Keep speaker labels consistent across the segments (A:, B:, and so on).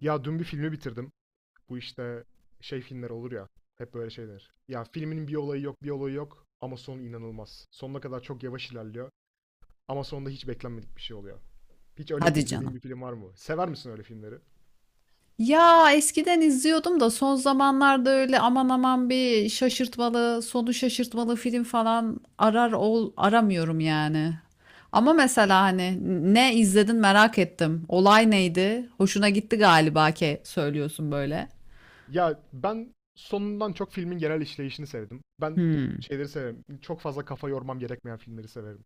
A: Ya dün bir filmi bitirdim. Bu işte şey filmler olur ya. Hep böyle şeyler. Ya filmin bir olayı yok, ama sonu inanılmaz. Sonuna kadar çok yavaş ilerliyor ama sonunda hiç beklenmedik bir şey oluyor. Hiç öyle
B: Hadi
A: izlediğin
B: canım.
A: bir film var mı? Sever misin öyle filmleri?
B: Ya eskiden izliyordum da son zamanlarda öyle aman aman bir şaşırtmalı, sonu şaşırtmalı film falan arar ol aramıyorum yani. Ama mesela hani ne izledin merak ettim. Olay neydi? Hoşuna gitti galiba ki söylüyorsun böyle.
A: Ya ben sonundan çok filmin genel işleyişini sevdim. Ben
B: Hmm.
A: şeyleri severim. Çok fazla kafa yormam gerekmeyen filmleri severim.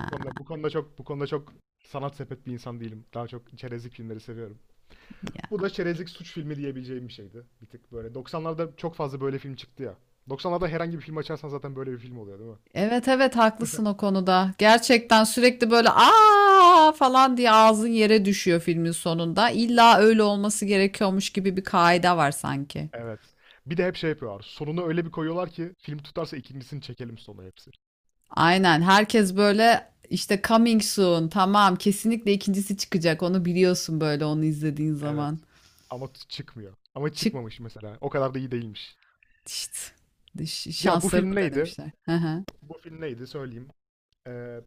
A: Bu konuda bu konuda çok bu konuda çok sanat sepet bir insan değilim. Daha çok çerezlik filmleri seviyorum.
B: Ya.
A: Bu da çerezlik suç filmi diyebileceğim bir şeydi. Bir tık böyle. 90'larda çok fazla böyle film çıktı ya. 90'larda herhangi bir film açarsan zaten böyle bir film oluyor değil mi?
B: Evet, haklısın o konuda. Gerçekten sürekli böyle aa falan diye ağzın yere düşüyor filmin sonunda. İlla öyle olması gerekiyormuş gibi bir kaide var sanki.
A: Evet. Bir de hep şey yapıyorlar. Sonunu öyle bir koyuyorlar ki film tutarsa ikincisini çekelim sonu hepsi.
B: Aynen. Herkes böyle işte coming soon. Tamam, kesinlikle ikincisi çıkacak. Onu biliyorsun böyle onu izlediğin
A: Evet.
B: zaman.
A: Ama çıkmıyor. Ama
B: Çık
A: çıkmamış mesela. O kadar da iyi değilmiş.
B: işte.
A: Ya bu
B: Şanslarını
A: film neydi?
B: denemişler. Hı hı.
A: Bu film neydi söyleyeyim. Ee,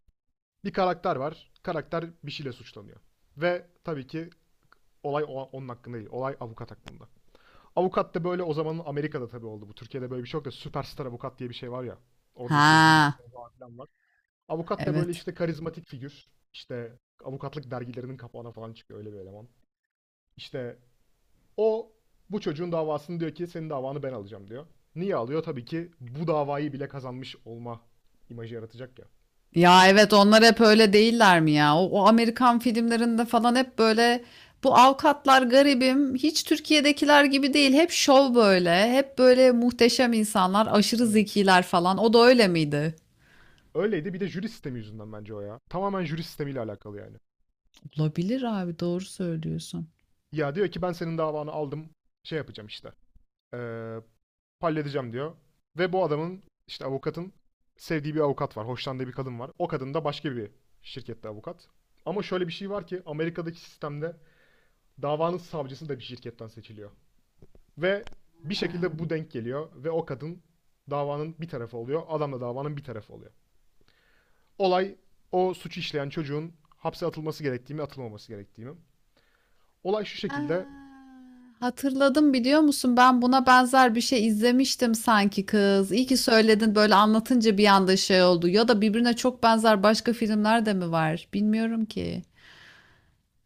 A: Bir karakter var. Karakter bir şeyle suçlanıyor. Ve tabii ki olay onun hakkında değil. Olay avukat hakkında. Avukat da böyle o zamanın Amerika'da tabii oldu bu. Türkiye'de böyle bir şey yok da süperstar avukat diye bir şey var ya. Orada işte
B: Ha,
A: jürisler falan var. Avukat da böyle
B: evet.
A: işte karizmatik figür. İşte avukatlık dergilerinin kapağına falan çıkıyor öyle bir eleman. İşte o bu çocuğun davasını diyor ki senin davanı ben alacağım diyor. Niye alıyor? Tabii ki bu davayı bile kazanmış olma imajı yaratacak ya.
B: Ya evet onlar hep öyle değiller mi ya? O Amerikan filmlerinde falan hep böyle bu avukatlar garibim hiç Türkiye'dekiler gibi değil. Hep şov böyle. Hep böyle muhteşem insanlar, aşırı
A: Evet.
B: zekiler falan. O da öyle miydi?
A: Öyleydi, bir de jüri sistemi yüzünden bence o ya. Tamamen jüri sistemiyle alakalı yani.
B: Olabilir abi doğru söylüyorsun.
A: Ya diyor ki ben senin davanı aldım şey yapacağım işte. Ee, Halledeceğim diyor. Ve bu adamın işte avukatın sevdiği bir avukat var. Hoşlandığı bir kadın var. O kadın da başka bir şirkette avukat. Ama şöyle bir şey var ki Amerika'daki sistemde davanın savcısı da bir şirketten seçiliyor. Ve bir
B: Ha.
A: şekilde bu denk geliyor ve o kadın davanın bir tarafı oluyor. Adam da davanın bir tarafı oluyor. Olay o suçu işleyen çocuğun hapse atılması gerektiği mi atılmaması gerektiği mi? Olay şu
B: Ha,
A: şekilde.
B: hatırladım biliyor musun? Ben buna benzer bir şey izlemiştim sanki kız. İyi ki söyledin böyle anlatınca bir anda şey oldu. Ya da birbirine çok benzer başka filmler de mi var? Bilmiyorum ki.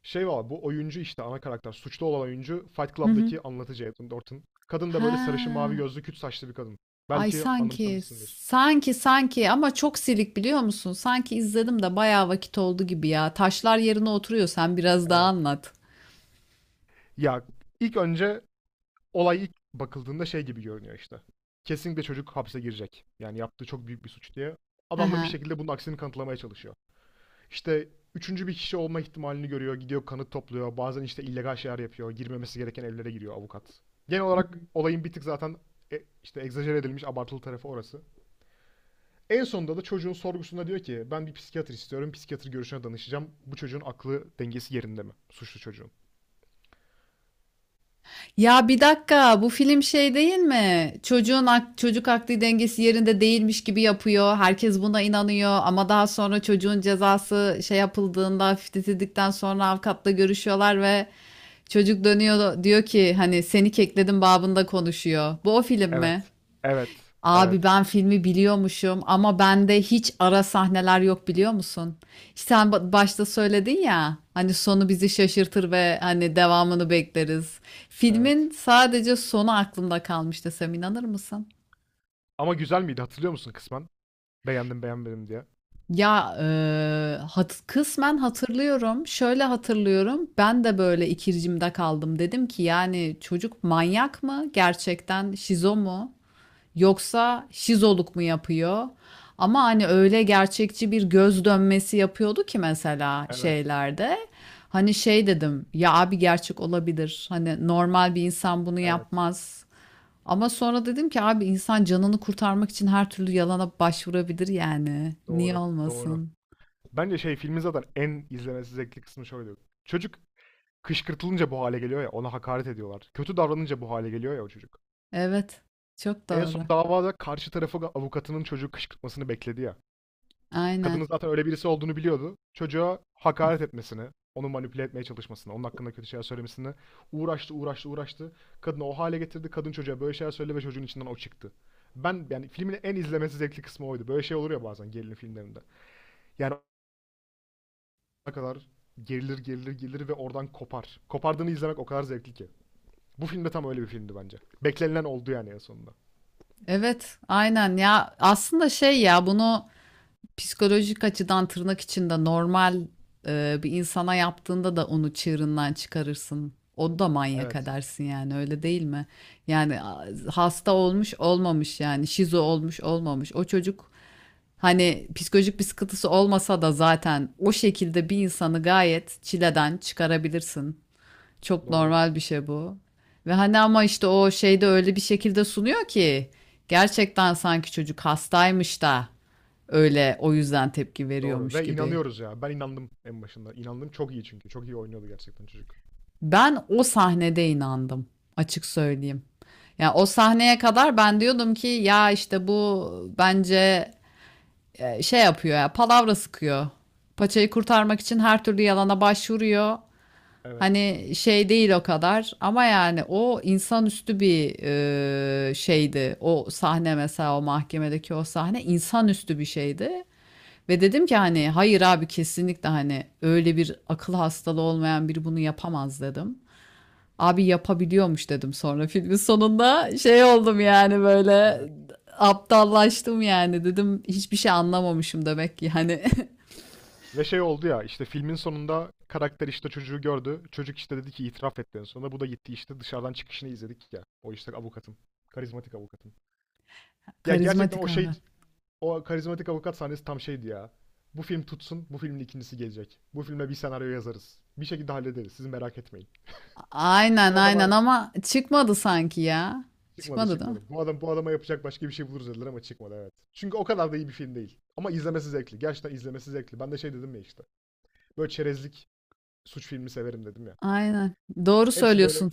A: Şey var, bu oyuncu işte ana karakter. Suçlu olan oyuncu Fight
B: Hı hı.
A: Club'daki anlatıcı Edwin Norton. Kadın da böyle sarışın mavi
B: Ha,
A: gözlü küt saçlı bir kadın.
B: ay
A: Belki
B: sanki
A: anımsamışsındır.
B: sanki ama çok silik biliyor musun? Sanki izledim de bayağı vakit oldu gibi ya. Taşlar yerine oturuyor sen biraz daha
A: Evet.
B: anlat.
A: Ya ilk önce olay ilk bakıldığında şey gibi görünüyor işte. Kesinlikle çocuk hapse girecek. Yani yaptığı çok büyük bir suç diye.
B: Hı
A: Adam da bir
B: hı.
A: şekilde bunun aksini kanıtlamaya çalışıyor. İşte üçüncü bir kişi olma ihtimalini görüyor. Gidiyor kanıt topluyor. Bazen işte illegal şeyler yapıyor. Girmemesi gereken evlere giriyor avukat. Genel olarak olayın bir tık zaten işte egzajere edilmiş abartılı tarafı orası. En sonunda da çocuğun sorgusunda diyor ki ben bir psikiyatr istiyorum. Psikiyatr görüşüne danışacağım. Bu çocuğun aklı dengesi yerinde mi? Suçlu çocuğun.
B: Ya bir dakika bu film şey değil mi? Çocuk akli dengesi yerinde değilmiş gibi yapıyor. Herkes buna inanıyor ama daha sonra çocuğun cezası şey yapıldığında hafifletildikten sonra avukatla görüşüyorlar ve çocuk dönüyor diyor ki hani seni kekledim babında konuşuyor. Bu o film mi?
A: Evet. Evet.
B: Abi
A: Evet.
B: ben filmi biliyormuşum ama bende hiç ara sahneler yok biliyor musun? İşte sen başta söyledin ya hani sonu bizi şaşırtır ve hani devamını bekleriz. Filmin
A: Evet.
B: sadece sonu aklımda kalmış desem inanır mısın?
A: Ama güzel miydi hatırlıyor musun kısmen? Beğendim beğenmedim diye.
B: Ya kısmen hatırlıyorum. Şöyle hatırlıyorum. Ben de böyle ikircimde kaldım. Dedim ki yani çocuk manyak mı? Gerçekten şizo mu? Yoksa şizoluk mu yapıyor? Ama hani öyle gerçekçi bir göz dönmesi yapıyordu ki mesela
A: Evet.
B: şeylerde. Hani şey dedim ya abi gerçek olabilir. Hani normal bir insan bunu
A: Evet.
B: yapmaz. Ama sonra dedim ki abi insan canını kurtarmak için her türlü yalana başvurabilir yani. Niye
A: Doğru. Doğru.
B: olmasın?
A: Bence şey filmin zaten en izlemesi zevkli kısmı şöyle. Çocuk kışkırtılınca bu hale geliyor ya, ona hakaret ediyorlar. Kötü davranınca bu hale geliyor ya o çocuk.
B: Evet, çok
A: En son
B: doğru.
A: davada karşı tarafı avukatının çocuğu kışkırtmasını bekledi ya. Kadının
B: Aynen.
A: zaten öyle birisi olduğunu biliyordu. Çocuğa hakaret etmesini, onu manipüle etmeye çalışmasını, onun hakkında kötü şeyler söylemesini uğraştı, uğraştı, uğraştı. Kadını o hale getirdi. Kadın çocuğa böyle şeyler söyledi ve çocuğun içinden o çıktı. Ben yani filmin en izlemesi zevkli kısmı oydu. Böyle şey olur ya bazen gerilim filmlerinde. Yani o kadar gerilir, gerilir, gerilir ve oradan kopar. Kopardığını izlemek o kadar zevkli ki. Bu filmde tam öyle bir filmdi bence. Beklenilen oldu yani en sonunda.
B: Evet, aynen ya aslında şey ya bunu psikolojik açıdan tırnak içinde normal bir insana yaptığında da onu çığırından çıkarırsın. O da manyak
A: Evet.
B: edersin yani öyle değil mi? Yani hasta olmuş olmamış yani şizo olmuş olmamış. O çocuk hani psikolojik bir sıkıntısı olmasa da zaten o şekilde bir insanı gayet çileden çıkarabilirsin. Çok
A: Doğru.
B: normal bir şey bu. Ve hani ama işte o şeyde öyle bir şekilde sunuyor ki gerçekten sanki çocuk hastaymış da öyle o yüzden tepki
A: Doğru.
B: veriyormuş
A: Ve
B: gibi.
A: inanıyoruz ya. Ben inandım en başında. İnandım çok iyi çünkü. Çok iyi oynuyordu gerçekten çocuk.
B: Ben o sahnede inandım açık söyleyeyim. Ya o sahneye kadar ben diyordum ki ya işte bu bence şey yapıyor ya palavra sıkıyor. Paçayı kurtarmak için her türlü yalana başvuruyor.
A: Evet.
B: Hani şey değil o kadar ama yani o insanüstü bir şeydi. O sahne mesela o mahkemedeki o sahne insanüstü bir şeydi. Ve dedim ki hani hayır abi kesinlikle hani öyle bir akıl hastalığı olmayan biri bunu yapamaz dedim. Abi yapabiliyormuş dedim sonra filmin sonunda şey oldum
A: Ya,
B: yani böyle
A: evet.
B: aptallaştım yani dedim hiçbir şey anlamamışım demek ki hani
A: Ve şey oldu ya işte filmin sonunda karakter işte çocuğu gördü. Çocuk işte dedi ki itiraf etti en sonunda. Bu da gitti işte dışarıdan çıkışını izledik ya. O işte avukatın. Karizmatik avukatın. Ya gerçekten
B: karizmatik
A: o şey
B: abi.
A: o karizmatik avukat sahnesi tam şeydi ya. Bu film tutsun, bu filmin ikincisi gelecek. Bu filme bir senaryo yazarız. Bir şekilde hallederiz. Siz merak etmeyin.
B: Aynen
A: Bu
B: aynen
A: adama
B: ama çıkmadı sanki ya.
A: çıkmadı,
B: Çıkmadı değil mi?
A: çıkmadı. Bu adam bu adama yapacak başka bir şey buluruz dediler ama çıkmadı evet. Çünkü o kadar da iyi bir film değil. Ama izlemesi zevkli. Gerçekten izlemesi zevkli. Ben de şey dedim ya işte. Böyle çerezlik suç filmi severim dedim ya.
B: Aynen. Doğru
A: Hepsi böyle
B: söylüyorsun.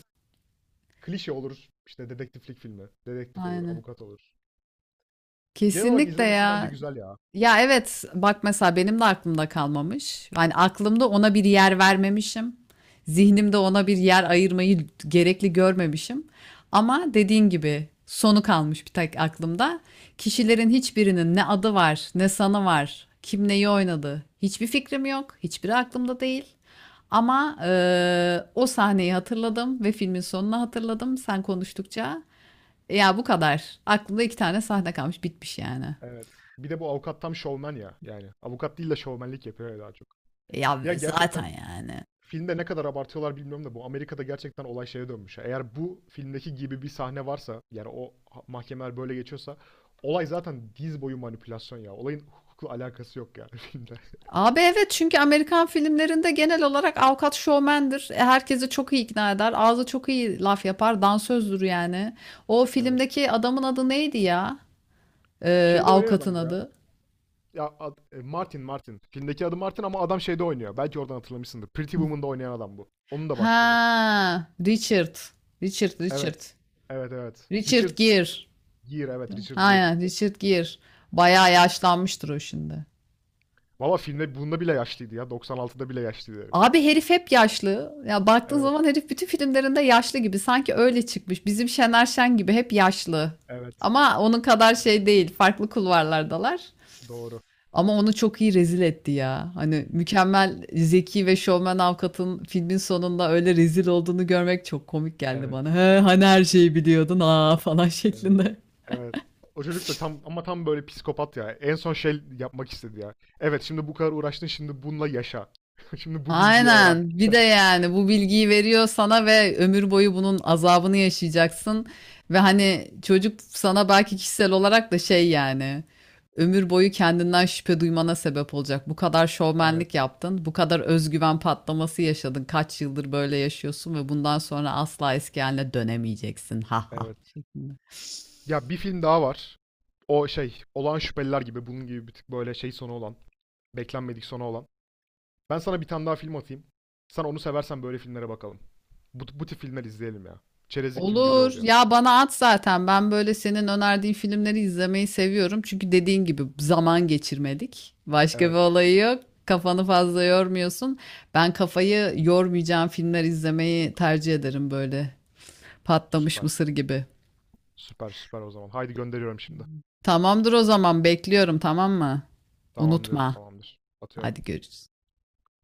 A: klişe olur. İşte dedektiflik filmi. Dedektif olur,
B: Aynen.
A: avukat olur. Genel olarak
B: Kesinlikle
A: izlemesi bence
B: ya.
A: güzel ya.
B: Ya evet bak mesela benim de aklımda kalmamış. Yani aklımda ona bir yer vermemişim. Zihnimde ona bir yer ayırmayı gerekli görmemişim. Ama dediğin gibi sonu kalmış bir tek aklımda. Kişilerin hiçbirinin ne adı var, ne sanı var, kim neyi oynadı. Hiçbir fikrim yok. Hiçbiri aklımda değil. Ama o sahneyi hatırladım ve filmin sonunu hatırladım sen konuştukça. Ya bu kadar. Aklımda iki tane sahne kalmış, bitmiş yani.
A: Evet. Bir de bu avukat tam şovmen ya. Yani avukat değil de şovmenlik yapıyor ya daha çok.
B: Ya,
A: Ya
B: zaten
A: gerçekten
B: yani.
A: filmde ne kadar abartıyorlar bilmiyorum da bu Amerika'da gerçekten olay şeye dönmüş ya. Eğer bu filmdeki gibi bir sahne varsa yani o mahkemeler böyle geçiyorsa olay zaten diz boyu manipülasyon ya. Olayın hukukla alakası yok yani filmde.
B: Abi evet çünkü Amerikan filmlerinde genel olarak avukat şovmendir. E, herkesi çok iyi ikna eder. Ağzı çok iyi laf yapar. Dansözdür yani. O
A: Evet.
B: filmdeki adamın adı neydi ya?
A: Şeyde oynayan
B: Avukatın
A: adam bu ya.
B: adı.
A: Ya Martin. Filmdeki adı Martin ama adam şeyde oynuyor. Belki oradan hatırlamışsındır. Pretty Woman'da oynayan adam bu. Onun da başrolü.
B: Ha, Richard. Richard.
A: Evet. Evet evet. Richard
B: Richard Gere.
A: Gere, evet Richard
B: Ha
A: Gere.
B: ya, Richard Gere. Bayağı yaşlanmıştır o şimdi.
A: Valla filmde bunda bile yaşlıydı ya. 96'da bile yaşlıydı herif.
B: Abi herif hep yaşlı. Ya baktığın
A: Evet.
B: zaman herif bütün filmlerinde yaşlı gibi. Sanki öyle çıkmış. Bizim Şener Şen gibi hep yaşlı.
A: Evet.
B: Ama onun kadar şey değil. Farklı kulvarlardalar.
A: Doğru.
B: Ama onu çok iyi rezil etti ya. Hani mükemmel zeki ve şovmen avukatın filmin sonunda öyle rezil olduğunu görmek çok komik geldi
A: Evet.
B: bana. He, hani her şeyi biliyordun ha falan
A: Evet.
B: şeklinde.
A: Evet. O çocuk da tam ama tam böyle psikopat ya. En son şey yapmak istedi ya. Evet, şimdi bu kadar uğraştın şimdi bununla yaşa. Şimdi bu bilgiyi öğren.
B: Aynen. Bir de yani bu bilgiyi veriyor sana ve ömür boyu bunun azabını yaşayacaksın. Ve hani çocuk sana belki kişisel olarak da şey yani ömür boyu kendinden şüphe duymana sebep olacak. Bu kadar
A: Evet.
B: şovmenlik yaptın, bu kadar özgüven patlaması yaşadın. Kaç yıldır böyle yaşıyorsun ve bundan sonra asla eski haline dönemeyeceksin. Ha ha,
A: Evet.
B: şeklinde.
A: Ya bir film daha var. O şey, Olağan Şüpheliler gibi bunun gibi bir tık böyle şey sonu olan, beklenmedik sonu olan. Ben sana bir tane daha film atayım. Sen onu seversen böyle filmlere bakalım. Bu, bu tip filmler izleyelim ya. Çerezlik film güzel
B: Olur.
A: oluyor.
B: Ya bana at zaten. Ben böyle senin önerdiğin filmleri izlemeyi seviyorum. Çünkü dediğin gibi zaman geçirmedik. Başka bir
A: Evet.
B: olayı yok. Kafanı fazla yormuyorsun. Ben kafayı yormayacağım filmler izlemeyi tercih ederim böyle. Patlamış
A: Süper.
B: mısır gibi.
A: Süper süper o zaman. Haydi gönderiyorum şimdi.
B: Tamamdır o zaman bekliyorum tamam mı?
A: Tamamdır,
B: Unutma.
A: tamamdır. Atıyorum.
B: Hadi görüşürüz.